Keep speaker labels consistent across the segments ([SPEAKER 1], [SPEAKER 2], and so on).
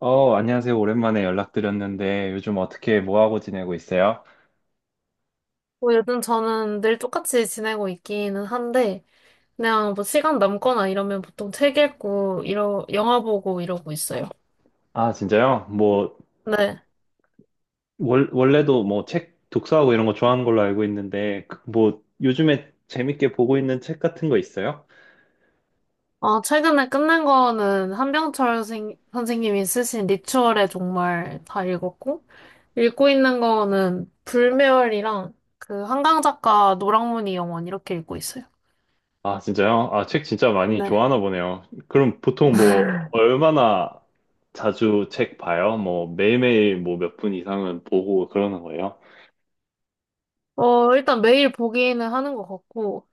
[SPEAKER 1] 안녕하세요. 오랜만에 연락드렸는데 요즘 어떻게 뭐 하고 지내고 있어요?
[SPEAKER 2] 뭐 요즘 저는 늘 똑같이 지내고 있기는 한데, 그냥 뭐 시간 남거나 이러면 보통 책 읽고, 영화 보고 이러고 있어요.
[SPEAKER 1] 아, 진짜요? 뭐
[SPEAKER 2] 네.
[SPEAKER 1] 원래도 뭐 책 독서하고 이런 거 좋아하는 걸로 알고 있는데 뭐 요즘에 재밌게 보고 있는 책 같은 거 있어요?
[SPEAKER 2] 최근에 끝낸 거는 한병철 선생님이 쓰신 리추얼의 종말 다 읽었고, 읽고 있는 거는 불멸이랑 그 한강 작가 노랑무늬 영원 이렇게 읽고 있어요.
[SPEAKER 1] 아, 진짜요? 아, 책 진짜 많이
[SPEAKER 2] 네.
[SPEAKER 1] 좋아하나 보네요. 그럼 보통 뭐 얼마나 자주 책 봐요? 뭐 매일매일 뭐 몇 분 이상은 보고 그러는 거예요?
[SPEAKER 2] 일단 매일 보기는 하는 것 같고,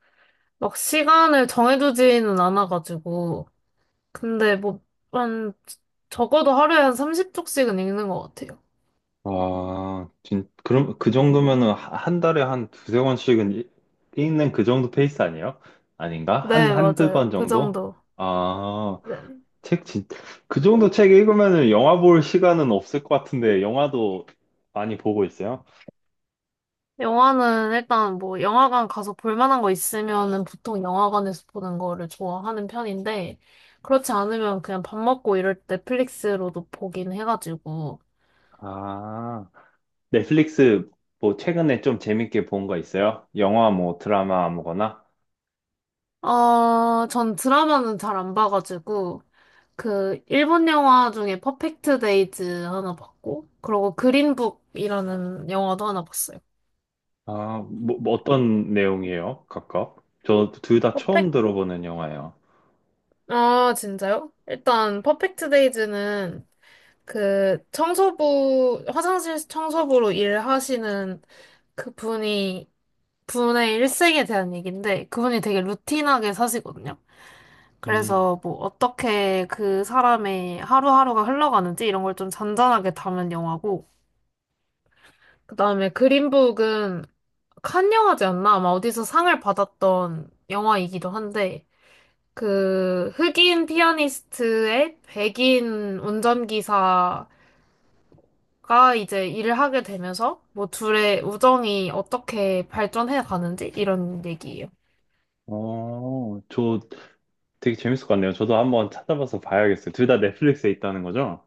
[SPEAKER 2] 막 시간을 정해두지는 않아가지고, 근데 뭐, 한, 적어도 하루에 한 30쪽씩은 읽는 것 같아요.
[SPEAKER 1] 와, 그럼 그 정도면은 한 달에 한 두세 권씩은 읽는 그 정도 페이스 아니에요? 아닌가? 한,
[SPEAKER 2] 네,
[SPEAKER 1] 한 두
[SPEAKER 2] 맞아요.
[SPEAKER 1] 권
[SPEAKER 2] 그
[SPEAKER 1] 정도?
[SPEAKER 2] 정도.
[SPEAKER 1] 아,
[SPEAKER 2] 네.
[SPEAKER 1] 책 진, 그 정도 책 읽으면은 영화 볼 시간은 없을 것 같은데 영화도 많이 보고 있어요?
[SPEAKER 2] 영화는 일단 뭐, 영화관 가서 볼 만한 거 있으면은 보통 영화관에서 보는 거를 좋아하는 편인데, 그렇지 않으면 그냥 밥 먹고 이럴 때 넷플릭스로도 보긴 해가지고,
[SPEAKER 1] 아, 넷플릭스 뭐 최근에 좀 재밌게 본 거 있어요? 영화 뭐 드라마 아무거나?
[SPEAKER 2] 전 드라마는 잘 안 봐가지고, 그, 일본 영화 중에 퍼펙트 데이즈 하나 봤고, 그리고 그린북이라는 영화도 하나 봤어요.
[SPEAKER 1] 아, 뭐 어떤 내용이에요? 각각? 저 둘 다 처음 들어보는 영화예요.
[SPEAKER 2] 아, 진짜요? 일단 퍼펙트 데이즈는 그 청소부 화장실 청소부로 일하시는 그분이 분의 일생에 대한 얘기인데 그분이 되게 루틴하게 사시거든요.
[SPEAKER 1] 음.
[SPEAKER 2] 그래서 뭐 어떻게 그 사람의 하루하루가 흘러가는지 이런 걸 좀 잔잔하게 담은 영화고, 그다음에 그린북은 칸 영화제였나? 아마 어디서 상을 받았던 영화이기도 한데 그 흑인 피아니스트의 백인 운전기사가 이제 일을 하게 되면서 뭐 둘의 우정이 어떻게 발전해 가는지 이런 얘기예요.
[SPEAKER 1] 저 되게 재밌을 것 같네요. 저도 한번 찾아봐서 봐야겠어요. 둘 다 넷플릭스에 있다는 거죠?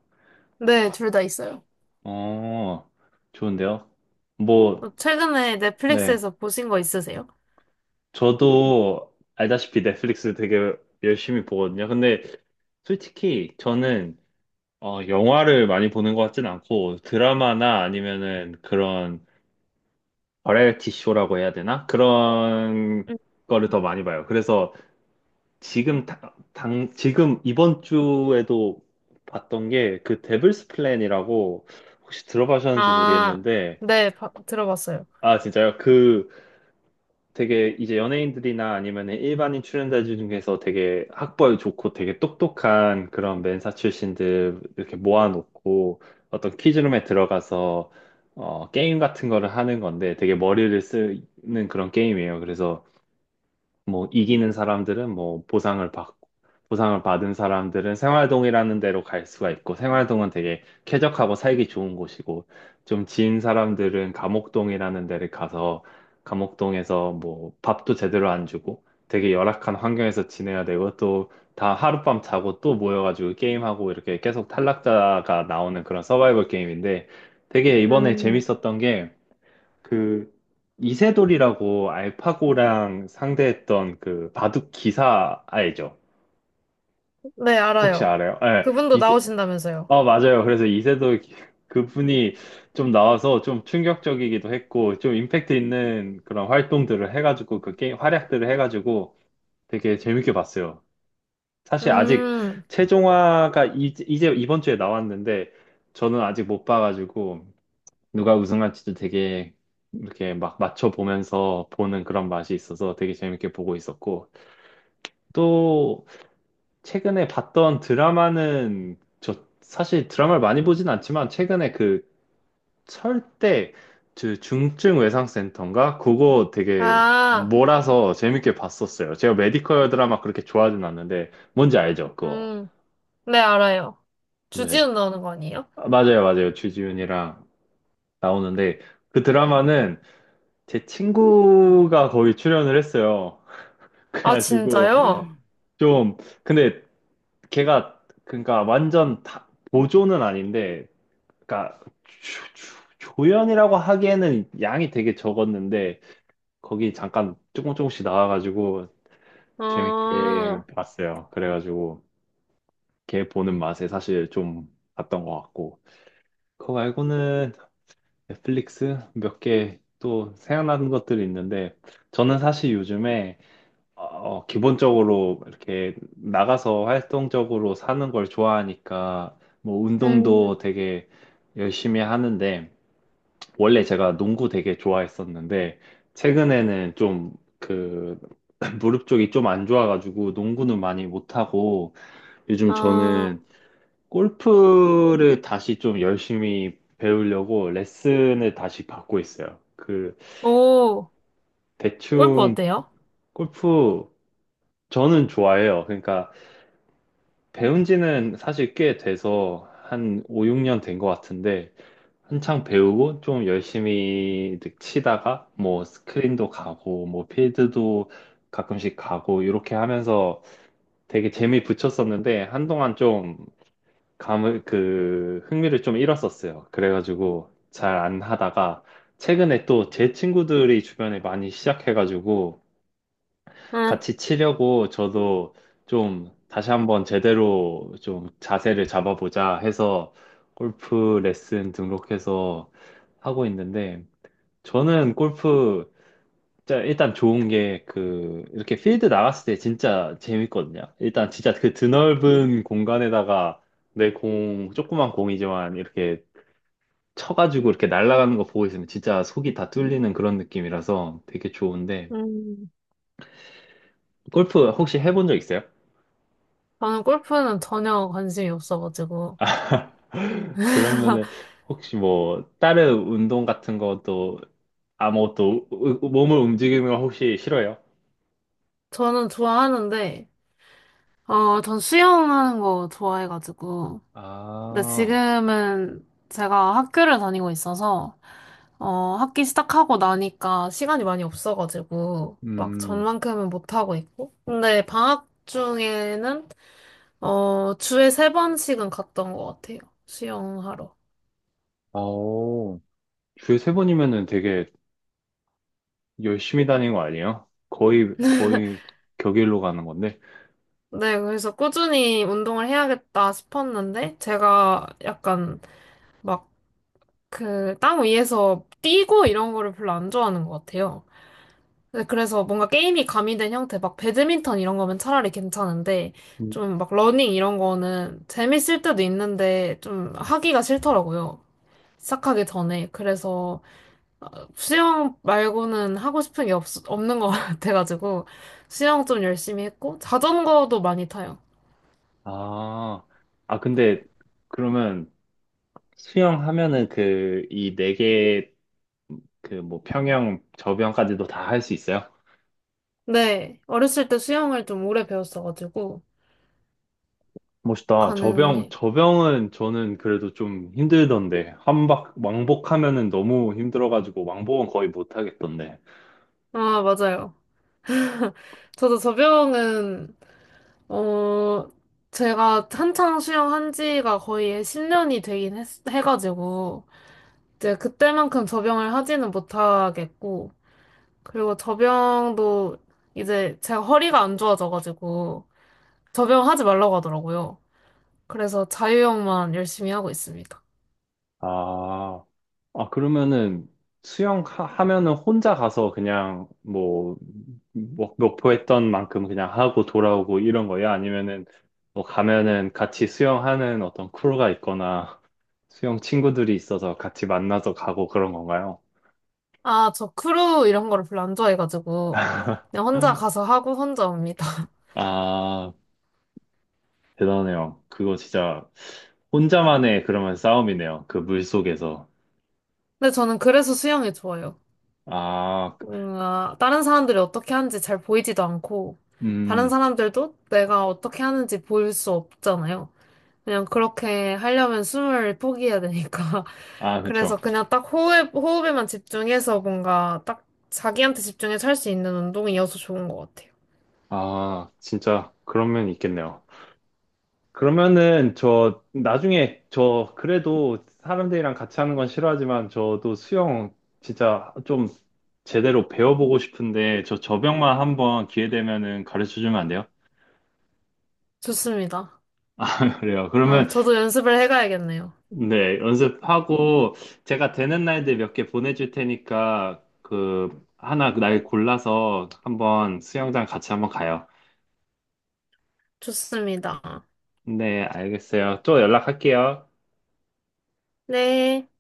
[SPEAKER 2] 네, 둘 다 있어요.
[SPEAKER 1] 어, 좋은데요? 뭐,
[SPEAKER 2] 뭐 최근에
[SPEAKER 1] 네.
[SPEAKER 2] 넷플릭스에서 보신 거 있으세요?
[SPEAKER 1] 저도 알다시피 넷플릭스 되게 열심히 보거든요. 근데 솔직히 저는 영화를 많이 보는 것 같진 않고 드라마나 아니면은 그런 버라이어티 쇼라고 해야 되나? 그런
[SPEAKER 2] 음.
[SPEAKER 1] 거를 더 많이 봐요. 그래서 지금 지금 이번 주에도 봤던 게 그 데블스 플랜이라고, 혹시 들어보셨는지
[SPEAKER 2] 아,
[SPEAKER 1] 모르겠는데.
[SPEAKER 2] 네, 들어봤어요.
[SPEAKER 1] 아 진짜요? 그 되게 이제 연예인들이나 아니면 일반인 출연자 중에서 되게 학벌 좋고 되게 똑똑한 그런 맨사 출신들 이렇게 모아놓고 어떤 퀴즈룸에 들어가서 게임 같은 거를 하는 건데, 되게 머리를 쓰는 그런 게임이에요. 그래서 뭐 이기는 사람들은 뭐 보상을 받고, 보상을 받은 사람들은 생활동이라는 데로 갈 수가 있고, 생활동은 되게 쾌적하고 살기 좋은 곳이고, 좀 지인 사람들은 감옥동이라는 데를 가서 감옥동에서 뭐 밥도 제대로 안 주고 되게 열악한 환경에서 지내야 되고, 또 다 하룻밤 자고 또 모여가지고 게임하고 이렇게 계속 탈락자가 나오는 그런 서바이벌 게임인데 되게 이번에
[SPEAKER 2] 음,
[SPEAKER 1] 재밌었던 게, 그 이세돌이라고 알파고랑 상대했던 그 바둑 기사 알죠?
[SPEAKER 2] 네,
[SPEAKER 1] 혹시
[SPEAKER 2] 알아요.
[SPEAKER 1] 알아요? 예,
[SPEAKER 2] 그분도
[SPEAKER 1] 이세,
[SPEAKER 2] 나오신다면서요.
[SPEAKER 1] 어, 맞아요. 그래서 이세돌 그분이 좀 나와서 좀 충격적이기도 했고, 좀 임팩트 있는 그런 활동들을 해가지고, 그 게임 활약들을 해가지고 되게 재밌게 봤어요. 사실 아직
[SPEAKER 2] 음,
[SPEAKER 1] 최종화가 이제 이번 주에 나왔는데, 저는 아직 못 봐가지고 누가 우승할지도 되게 이렇게 막 맞춰보면서 보는 그런 맛이 있어서 되게 재밌게 보고 있었고, 또 최근에 봤던 드라마는, 저 사실 드라마를 많이 보진 않지만 최근에 그 철대 그 중증 외상센터인가? 그거 되게
[SPEAKER 2] 아,
[SPEAKER 1] 몰아서 재밌게 봤었어요. 제가 메디컬 드라마 그렇게 좋아하진 않는데, 뭔지 알죠? 그거.
[SPEAKER 2] 음, 네, 알아요.
[SPEAKER 1] 네.
[SPEAKER 2] 주지훈 나오는 거 아니에요?
[SPEAKER 1] 아, 맞아요, 맞아요. 주지훈이랑 나오는데, 그 드라마는 제 친구가 거기 출연을 했어요.
[SPEAKER 2] 아,
[SPEAKER 1] 그래가지고
[SPEAKER 2] 진짜요?
[SPEAKER 1] 좀, 근데 걔가 그러니까 완전 보조는 아닌데, 그러니까 조연이라고 하기에는 양이 되게 적었는데 거기 잠깐 조금씩 나와가지고 재밌게
[SPEAKER 2] 아,
[SPEAKER 1] 봤어요. 그래가지고 걔 보는 맛에 사실 좀 봤던 것 같고, 그거 말고는 넷플릭스 몇 개 또 생각나는 것들이 있는데 저는 사실 요즘에 어, 기본적으로 이렇게 나가서 활동적으로 사는 걸 좋아하니까 뭐
[SPEAKER 2] 음,
[SPEAKER 1] 운동도 되게 열심히 하는데, 원래 제가 농구 되게 좋아했었는데 최근에는 좀 그 무릎 쪽이 좀 안 좋아가지고 농구는 많이 못하고, 요즘
[SPEAKER 2] 아,
[SPEAKER 1] 저는 골프를 다시 좀 열심히 배우려고 레슨을 다시 받고 있어요. 그
[SPEAKER 2] 오, 골프
[SPEAKER 1] 대충,
[SPEAKER 2] 어때요?
[SPEAKER 1] 골프, 저는 좋아해요. 그러니까 배운 지는 사실 꽤 돼서 한 5, 6년 된 것 같은데 한창 배우고 좀 열심히 치다가 뭐 스크린도 가고 뭐 필드도 가끔씩 가고 이렇게 하면서 되게 재미 붙였었는데, 한동안 좀 감을 그 흥미를 좀 잃었었어요. 그래가지고 잘 안 하다가 최근에 또 제 친구들이 주변에 많이 시작해가지고,
[SPEAKER 2] 음,
[SPEAKER 1] 같이 치려고 저도 좀 다시 한번 제대로 좀 자세를 잡아보자 해서 골프 레슨 등록해서 하고 있는데, 저는 골프 진짜 일단 좋은 게 그 이렇게 필드 나갔을 때 진짜 재밌거든요. 일단 진짜 그 드넓은 공간에다가 조그만 공이지만 이렇게 쳐가지고 이렇게 날아가는 거 보고 있으면 진짜 속이 다 뚫리는 그런 느낌이라서 되게 좋은데,
[SPEAKER 2] 음.
[SPEAKER 1] 골프 혹시 해본 적 있어요?
[SPEAKER 2] 저는 골프는 전혀 관심이 없어가지고.
[SPEAKER 1] 그러면은 혹시 뭐 다른 운동 같은 것도, 아무것도 몸을 움직이는 거 혹시 싫어요?
[SPEAKER 2] 저는 좋아하는데, 전 수영하는 거 좋아해가지고. 근데
[SPEAKER 1] 아,
[SPEAKER 2] 지금은 제가 학교를 다니고 있어서, 학기 시작하고 나니까 시간이 많이 없어가지고, 막
[SPEAKER 1] 음,
[SPEAKER 2] 전만큼은 못하고 있고. 근데 방학 중에는, 주에 세 번씩은 갔던 것 같아요. 수영하러.
[SPEAKER 1] 아오. 주에 세 번이면은 되게 열심히 다니는 거 아니에요? 거의 격일로 가는 건데.
[SPEAKER 2] 네, 그래서 꾸준히 운동을 해야겠다 싶었는데, 제가 약간 막 그 땅 위에서 뛰고 이런 거를 별로 안 좋아하는 것 같아요. 네, 그래서 뭔가 게임이 가미된 형태, 막 배드민턴 이런 거면 차라리 괜찮은데,
[SPEAKER 1] 음.
[SPEAKER 2] 좀 막 러닝 이런 거는 재밌을 때도 있는데, 좀 하기가 싫더라고요. 시작하기 전에. 그래서 수영 말고는 하고 싶은 게 없는 것 같아가지고, 수영 좀 열심히 했고, 자전거도 많이 타요.
[SPEAKER 1] 아, 아 근데 그러면 수영하면은 이 네 개, 그 뭐 평영 저병까지도 다 할 수 있어요?
[SPEAKER 2] 네, 어렸을 때 수영을 좀 오래 배웠어가지고,
[SPEAKER 1] 멋있다. 저병,
[SPEAKER 2] 가능해.
[SPEAKER 1] 저병은 저는 그래도 좀 힘들던데. 왕복하면은 너무 힘들어가지고, 왕복은 거의 못하겠던데.
[SPEAKER 2] 아, 맞아요. 저도 접영은, 어, 제가 한창 수영한 지가 거의 10년이 되긴 해가지고, 이제 그때만큼 접영을 하지는 못하겠고, 그리고 접영도 이제 제가 허리가 안 좋아져가지고, 접영하지 말라고 하더라고요. 그래서 자유형만 열심히 하고 있습니다.
[SPEAKER 1] 아, 아, 그러면은 수영 하면은 혼자 가서 그냥, 뭐, 목표했던 만큼 그냥 하고 돌아오고 이런 거야? 아니면은 뭐 가면은 같이 수영하는 어떤 크루가 있거나, 수영 친구들이 있어서 같이 만나서 가고 그런 건가요?
[SPEAKER 2] 아, 저 크루 이런 거를 별로 안 좋아해가지고, 그냥 혼자 가서 하고 혼자 옵니다.
[SPEAKER 1] 아, 대단해요. 그거 진짜 혼자만의 그러면 싸움이네요. 그 물속에서.
[SPEAKER 2] 근데 저는 그래서 수영이 좋아요.
[SPEAKER 1] 아,
[SPEAKER 2] 뭔가 다른 사람들이 어떻게 하는지 잘 보이지도 않고, 다른
[SPEAKER 1] 음,
[SPEAKER 2] 사람들도 내가 어떻게 하는지 보일 수 없잖아요. 그냥 그렇게 하려면 숨을 포기해야 되니까.
[SPEAKER 1] 아,
[SPEAKER 2] 그래서
[SPEAKER 1] 그쵸.
[SPEAKER 2] 그냥 딱 호흡에만 집중해서 뭔가 딱 자기한테 집중해서 할 수 있는 운동이어서 좋은 것 같아요.
[SPEAKER 1] 아, 진짜 그런 면이 있겠네요. 그러면은 저 나중에 저 그래도 사람들이랑 같이 하는 건 싫어하지만 저도 수영 진짜 좀 제대로 배워보고 싶은데, 저 저병만 한번 기회 되면은 가르쳐 주면 안 돼요?
[SPEAKER 2] 좋습니다.
[SPEAKER 1] 그래요.
[SPEAKER 2] 아,
[SPEAKER 1] 그러면
[SPEAKER 2] 저도 연습을 해가야겠네요.
[SPEAKER 1] 네, 연습하고 제가 되는 날들 몇 개 보내줄 테니까 그 하나 날 골라서 한번 수영장 같이 한번 가요.
[SPEAKER 2] 좋습니다.
[SPEAKER 1] 네, 알겠어요. 또 연락할게요.
[SPEAKER 2] 네.